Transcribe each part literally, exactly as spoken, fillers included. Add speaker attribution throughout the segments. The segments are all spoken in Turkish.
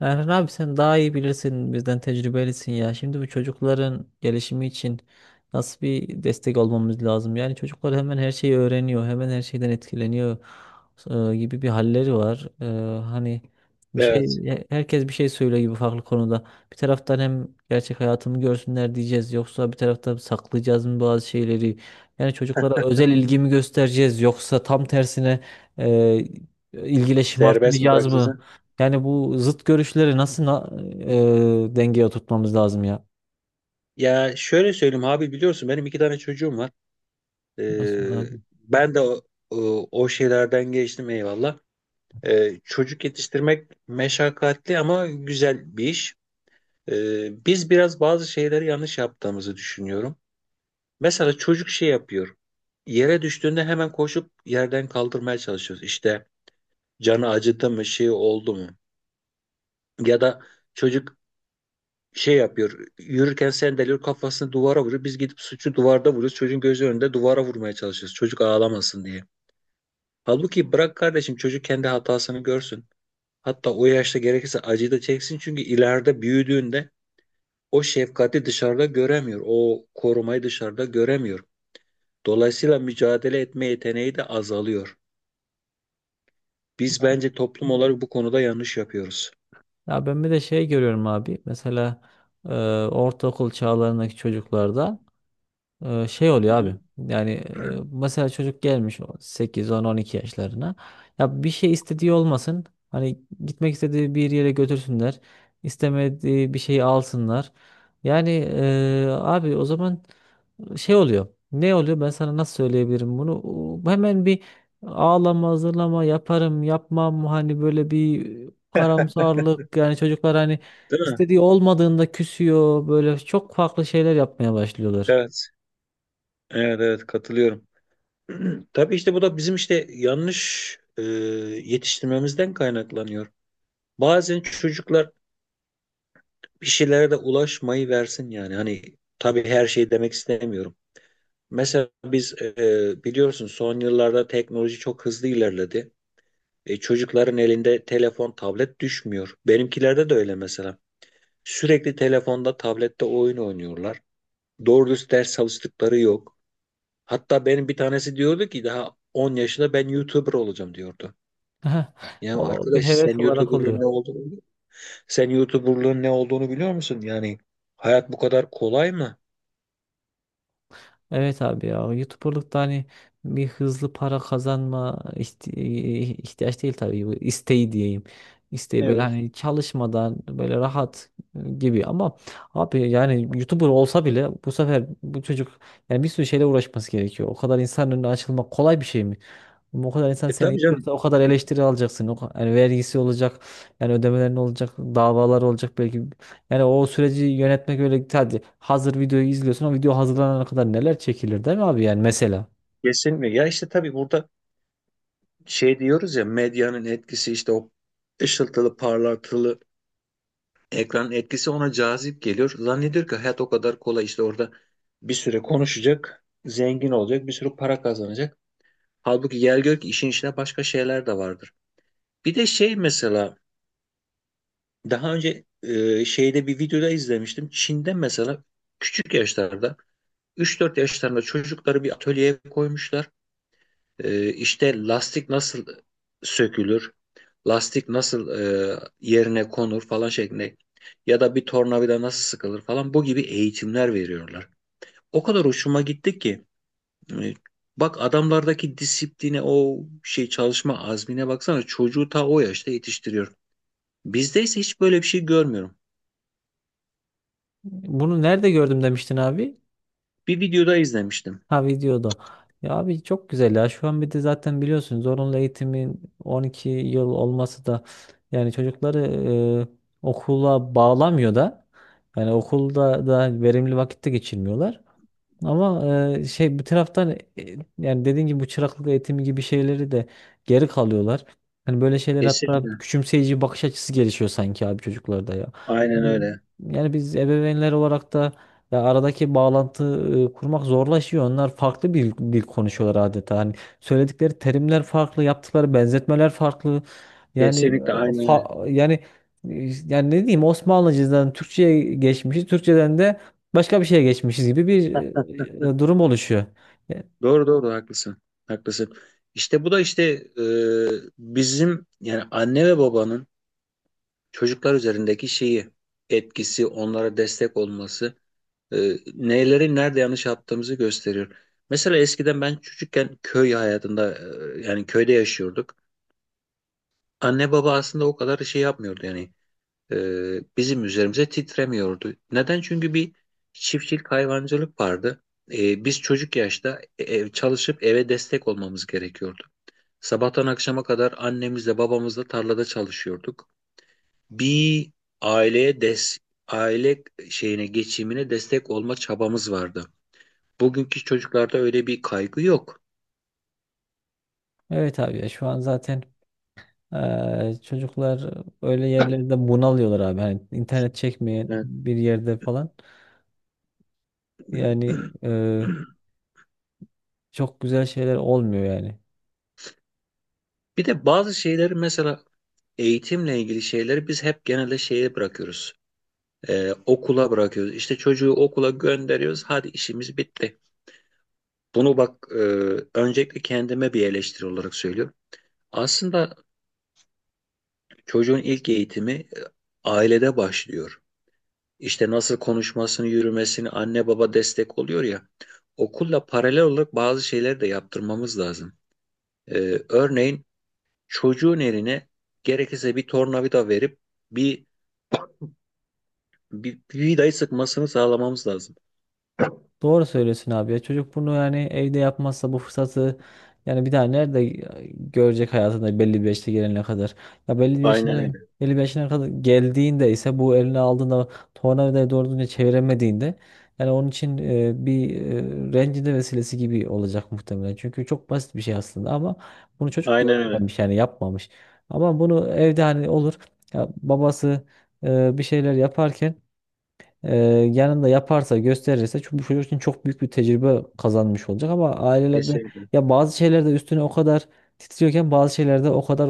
Speaker 1: Erhan abi sen daha iyi bilirsin bizden tecrübelisin ya. Şimdi bu çocukların gelişimi için nasıl bir destek olmamız lazım? Yani çocuklar hemen her şeyi öğreniyor, hemen her şeyden etkileniyor e, gibi bir halleri var. E, hani bir şey
Speaker 2: Evet.
Speaker 1: e, Herkes bir şey söylüyor gibi farklı konuda. Bir taraftan hem gerçek hayatımı görsünler diyeceğiz yoksa bir taraftan saklayacağız mı bazı şeyleri? Yani çocuklara özel ilgimi göstereceğiz yoksa tam tersine e, ilgiyle
Speaker 2: Serbest mi
Speaker 1: şımartmayacağız mı?
Speaker 2: bırakacaksın?
Speaker 1: Yani bu zıt görüşleri nasıl na- e, dengeye oturtmamız lazım ya?
Speaker 2: Ya şöyle söyleyeyim abi, biliyorsun benim iki tane çocuğum var.
Speaker 1: Nasıl
Speaker 2: Ee,
Speaker 1: abi?
Speaker 2: Ben de o, o o şeylerden geçtim, eyvallah. Ee, çocuk yetiştirmek meşakkatli ama güzel bir iş. Ee, biz biraz bazı şeyleri yanlış yaptığımızı düşünüyorum. Mesela çocuk şey yapıyor. Yere düştüğünde hemen koşup yerden kaldırmaya çalışıyoruz. İşte canı acıdı mı, şey oldu mu? Ya da çocuk şey yapıyor. Yürürken sendeliyor, kafasını duvara vuruyor. Biz gidip suçu duvarda vuruyoruz. Çocuğun gözü önünde duvara vurmaya çalışıyoruz. Çocuk ağlamasın diye. Halbuki bırak kardeşim, çocuk kendi hatasını görsün. Hatta o yaşta gerekirse acıyı da çeksin. Çünkü ileride büyüdüğünde o şefkati dışarıda göremiyor. O korumayı dışarıda göremiyor. Dolayısıyla mücadele etme yeteneği de azalıyor. Biz bence toplum olarak bu konuda yanlış yapıyoruz.
Speaker 1: Ya ben bir de şey görüyorum abi. Mesela e, ortaokul çağlarındaki çocuklarda e, şey
Speaker 2: Hı
Speaker 1: oluyor abi.
Speaker 2: hı.
Speaker 1: Yani e, mesela çocuk gelmiş sekiz, on, on iki yaşlarına. Ya bir şey istediği olmasın. Hani gitmek istediği bir yere götürsünler. İstemediği bir şeyi alsınlar. Yani e, abi o zaman şey oluyor. Ne oluyor? Ben sana nasıl söyleyebilirim bunu? O- Hemen bir ağlama, hazırlama yaparım, yapmam. Hani böyle bir karamsarlık. Yani çocuklar hani
Speaker 2: Değil mi?
Speaker 1: istediği olmadığında küsüyor. Böyle çok farklı şeyler yapmaya başlıyorlar.
Speaker 2: Evet. Evet, evet, katılıyorum. Tabii işte bu da bizim işte yanlış e, yetiştirmemizden kaynaklanıyor. Bazen çocuklar bir şeylere de ulaşmayı versin yani. Hani tabii her şey demek istemiyorum. Mesela biz e, e, biliyorsun son yıllarda teknoloji çok hızlı ilerledi. E, çocukların elinde telefon, tablet düşmüyor. Benimkilerde de öyle mesela. Sürekli telefonda, tablette oyun oynuyorlar. Doğru dürüst ders çalıştıkları yok. Hatta benim bir tanesi diyordu ki daha on yaşında ben YouTuber olacağım diyordu. Ya
Speaker 1: O bir
Speaker 2: arkadaş, sen
Speaker 1: heves olarak
Speaker 2: YouTuber'lığın
Speaker 1: oluyor.
Speaker 2: ne olduğunu biliyor musun? Sen YouTuber'lığın ne olduğunu biliyor musun? Yani hayat bu kadar kolay mı?
Speaker 1: Evet abi ya o YouTuber'lıkta hani bir hızlı para kazanma ihti- ihtiyaç değil tabii bu isteği diyeyim. İsteği böyle
Speaker 2: Evet.
Speaker 1: hani çalışmadan böyle rahat gibi ama abi yani YouTuber olsa bile bu sefer bu çocuk yani bir sürü şeyle uğraşması gerekiyor. O kadar insan önüne açılmak kolay bir şey mi? Ama o kadar insan
Speaker 2: E
Speaker 1: seni
Speaker 2: tabii canım.
Speaker 1: izliyorsa o kadar eleştiri alacaksın. O, ka- yani vergisi olacak, yani ödemelerin olacak, davalar olacak belki. Yani o süreci yönetmek öyle hadi hazır videoyu izliyorsun o video hazırlanana kadar neler çekilir değil mi abi yani mesela.
Speaker 2: Kesinlikle. Ya işte tabii burada şey diyoruz ya, medyanın etkisi, işte o ışıltılı, parlatılı ekranın etkisi ona cazip geliyor. Zannediyor ki hayat o kadar kolay, işte orada bir süre konuşacak, zengin olacak, bir sürü para kazanacak. Halbuki gel gör ki işin içine başka şeyler de vardır. Bir de şey mesela, daha önce e, şeyde bir videoda izlemiştim. Çin'de mesela küçük yaşlarda, üç dört yaşlarında çocukları bir atölyeye koymuşlar. E, işte lastik nasıl sökülür, lastik nasıl e, yerine konur falan şeklinde, ya da bir tornavida nasıl sıkılır falan, bu gibi eğitimler veriyorlar. O kadar hoşuma gitti ki e, bak adamlardaki disipline, o şey çalışma azmine baksana, çocuğu ta o yaşta yetiştiriyor. Bizde ise hiç böyle bir şey görmüyorum.
Speaker 1: Bunu nerede gördüm demiştin abi?
Speaker 2: Bir videoda izlemiştim.
Speaker 1: Ha, videoda. Ya abi çok güzel ya şu an bir de zaten biliyorsun zorunlu eğitimin on iki yıl olması da yani çocukları e, okula bağlamıyor da yani okulda da verimli vakitte geçirmiyorlar. Ama e, şey bir taraftan e, yani dediğin gibi bu çıraklık eğitimi gibi şeyleri de geri kalıyorlar. Hani böyle şeyler hatta
Speaker 2: Kesinlikle.
Speaker 1: küçümseyici bakış açısı gelişiyor sanki abi çocuklarda ya.
Speaker 2: Aynen
Speaker 1: Yani,
Speaker 2: öyle.
Speaker 1: yani biz ebeveynler olarak da ya aradaki bağlantı e, kurmak zorlaşıyor. Onlar farklı bir dil konuşuyorlar adeta. Hani söyledikleri terimler farklı, yaptıkları benzetmeler farklı. Yani e,
Speaker 2: Kesinlikle, aynen öyle.
Speaker 1: fa- yani e, yani ne diyeyim Osmanlıcadan Türkçe'ye geçmişiz. Türkçeden de başka bir şeye geçmişiz gibi bir e, e, durum oluşuyor. E,
Speaker 2: Doğru doğru, haklısın. Haklısın. İşte bu da işte e, bizim yani anne ve babanın çocuklar üzerindeki şeyi, etkisi, onlara destek olması e, neleri nerede yanlış yaptığımızı gösteriyor. Mesela eskiden ben çocukken köy hayatında, e, yani köyde yaşıyorduk. Anne baba aslında o kadar şey yapmıyordu yani, e, bizim üzerimize titremiyordu. Neden? Çünkü bir çiftçilik hayvancılık vardı. E, biz çocuk yaşta e, ev, çalışıp eve destek olmamız gerekiyordu. Sabahtan akşama kadar annemizle babamızla tarlada çalışıyorduk. Bir aileye des aile şeyine, geçimine destek olma çabamız vardı. Bugünkü çocuklarda öyle bir kaygı yok.
Speaker 1: Evet abi ya şu an zaten e, çocuklar öyle yerlerde bunalıyorlar abi. Hani internet çekmeyen
Speaker 2: Evet.
Speaker 1: bir yerde falan. Yani e, çok güzel şeyler olmuyor yani.
Speaker 2: Bir de bazı şeyleri, mesela eğitimle ilgili şeyleri biz hep genelde şeye bırakıyoruz. Ee, okula bırakıyoruz. İşte çocuğu okula gönderiyoruz. Hadi işimiz bitti. Bunu bak, e, öncelikle kendime bir eleştiri olarak söylüyorum. Aslında çocuğun ilk eğitimi e, ailede başlıyor. İşte nasıl konuşmasını, yürümesini anne baba destek oluyor ya. Okulla paralel olarak bazı şeyleri de yaptırmamız lazım. Ee, örneğin çocuğun eline gerekirse bir tornavida verip bir, bir, bir vidayı sıkmasını sağlamamız lazım.
Speaker 1: Doğru söylüyorsun abi ya. Çocuk bunu yani evde yapmazsa bu fırsatı yani bir daha nerede görecek hayatında belli bir yaşta gelene kadar. Ya belli bir
Speaker 2: Aynen
Speaker 1: yaşına
Speaker 2: öyle.
Speaker 1: belli bir yaşına kadar geldiğinde ise bu eline aldığında tornavidayı doğru düzgün çeviremediğinde yani onun için e, bir e, rencide vesilesi gibi olacak muhtemelen. Çünkü çok basit bir şey aslında ama bunu çocuk
Speaker 2: Aynen öyle.
Speaker 1: görmemiş yani yapmamış. Ama bunu evde hani olur ya babası e, bir şeyler yaparken ee, yanında yaparsa gösterirse çok- bu çocuk için çok büyük bir tecrübe kazanmış olacak ama ailelerde
Speaker 2: Kesinlikle.
Speaker 1: ya bazı şeylerde üstüne o kadar titriyorken bazı şeylerde o kadar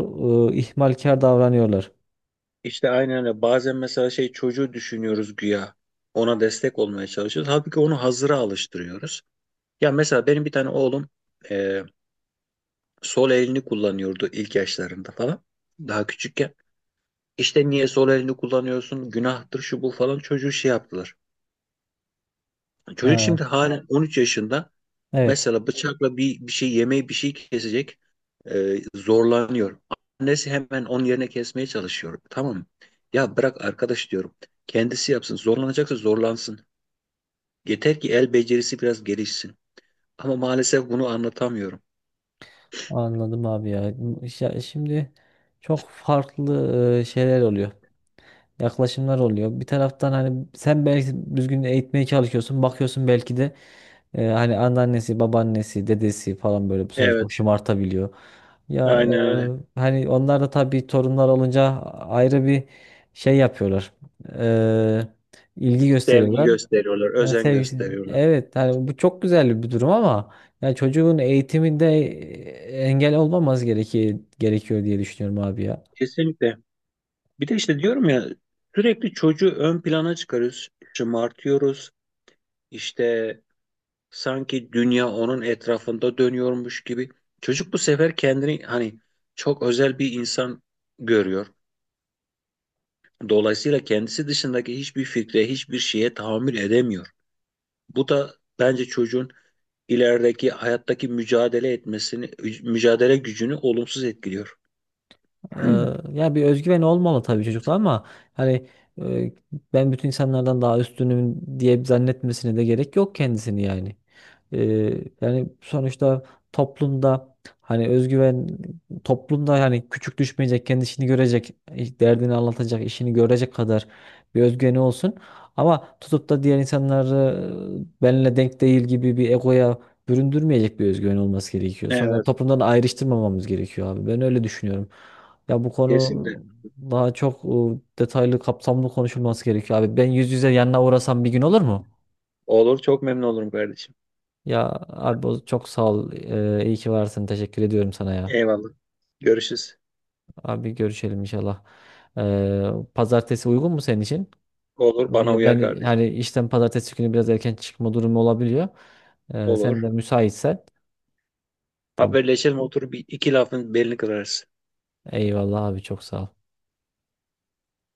Speaker 1: e, ihmalkar davranıyorlar.
Speaker 2: İşte aynen öyle. Bazen mesela şey, çocuğu düşünüyoruz güya. Ona destek olmaya çalışıyoruz. Halbuki onu hazıra alıştırıyoruz. Ya mesela benim bir tane oğlum e, sol elini kullanıyordu ilk yaşlarında falan. Daha küçükken. İşte niye sol elini kullanıyorsun? Günahtır şu bu falan, çocuğu şey yaptılar. Çocuk
Speaker 1: Ha,
Speaker 2: şimdi halen evet. on üç yaşında.
Speaker 1: evet,
Speaker 2: Mesela bıçakla bir, bir şey, yemeği, bir şey kesecek. E, zorlanıyor. Annesi hemen onun yerine kesmeye çalışıyor. Tamam mı? Ya bırak arkadaş diyorum. Kendisi yapsın. Zorlanacaksa zorlansın. Yeter ki el becerisi biraz gelişsin. Ama maalesef bunu anlatamıyorum.
Speaker 1: anladım abi ya. Ya şimdi çok farklı e, şeyler oluyor. Yaklaşımlar oluyor. Bir taraftan hani sen belki düzgün eğitmeye çalışıyorsun. Bakıyorsun belki de Ee, hani anneannesi, babaannesi, dedesi falan böyle bu sefer çok
Speaker 2: Evet,
Speaker 1: şımartabiliyor. Ya
Speaker 2: aynen öyle.
Speaker 1: e, hani onlar da tabii torunlar olunca ayrı bir şey yapıyorlar. Ee, ilgi
Speaker 2: Sevgi
Speaker 1: gösteriyorlar.
Speaker 2: gösteriyorlar,
Speaker 1: Ya
Speaker 2: özen
Speaker 1: sevgisi.
Speaker 2: gösteriyorlar.
Speaker 1: Evet hani bu çok güzel bir durum ama yani çocuğun eğitiminde e, engel olmaması gerekiyor, gerekiyor diye düşünüyorum abi ya.
Speaker 2: Kesinlikle. Bir de işte diyorum ya, sürekli çocuğu ön plana çıkarıyoruz. Şımartıyoruz. İşte. Sanki dünya onun etrafında dönüyormuş gibi. Çocuk bu sefer kendini hani çok özel bir insan görüyor. Dolayısıyla kendisi dışındaki hiçbir fikre, hiçbir şeye tahammül edemiyor. Bu da bence çocuğun ilerideki hayattaki mücadele etmesini, mücadele gücünü olumsuz etkiliyor.
Speaker 1: Ee, Ya bir özgüven olmalı tabii çocukta ama hani e, ben bütün insanlardan daha üstünüm diye zannetmesine de gerek yok kendisini yani. Ee, Yani sonuçta toplumda hani özgüven toplumda yani küçük düşmeyecek, kendisini görecek, iş- derdini anlatacak, işini görecek kadar bir özgüveni olsun. Ama tutup da diğer insanları e, benimle denk değil gibi bir egoya büründürmeyecek bir özgüven olması gerekiyor. Sonra
Speaker 2: Evet,
Speaker 1: toplumdan ayrıştırmamamız gerekiyor abi. Ben öyle düşünüyorum. Ya bu konu
Speaker 2: kesinlikle.
Speaker 1: daha çok e, detaylı, kapsamlı konuşulması gerekiyor abi. Ben yüz yüze yanına uğrasam bir gün olur mu?
Speaker 2: Olur, çok memnun olurum kardeşim.
Speaker 1: Ya abi o- çok sağ ol. Ee, iyi ki varsın. Teşekkür ediyorum sana ya.
Speaker 2: Eyvallah. Görüşürüz.
Speaker 1: Abi görüşelim inşallah. Ee, pazartesi uygun mu senin için?
Speaker 2: Olur, bana
Speaker 1: Ee,
Speaker 2: uyar
Speaker 1: Ben
Speaker 2: kardeşim.
Speaker 1: hani işten pazartesi günü biraz erken çıkma durumu olabiliyor. Ee, sen de
Speaker 2: Olur.
Speaker 1: müsaitsen. Tamam.
Speaker 2: Haberleşelim, oturup bir iki lafın belini kırarız.
Speaker 1: Eyvallah abi çok sağ ol.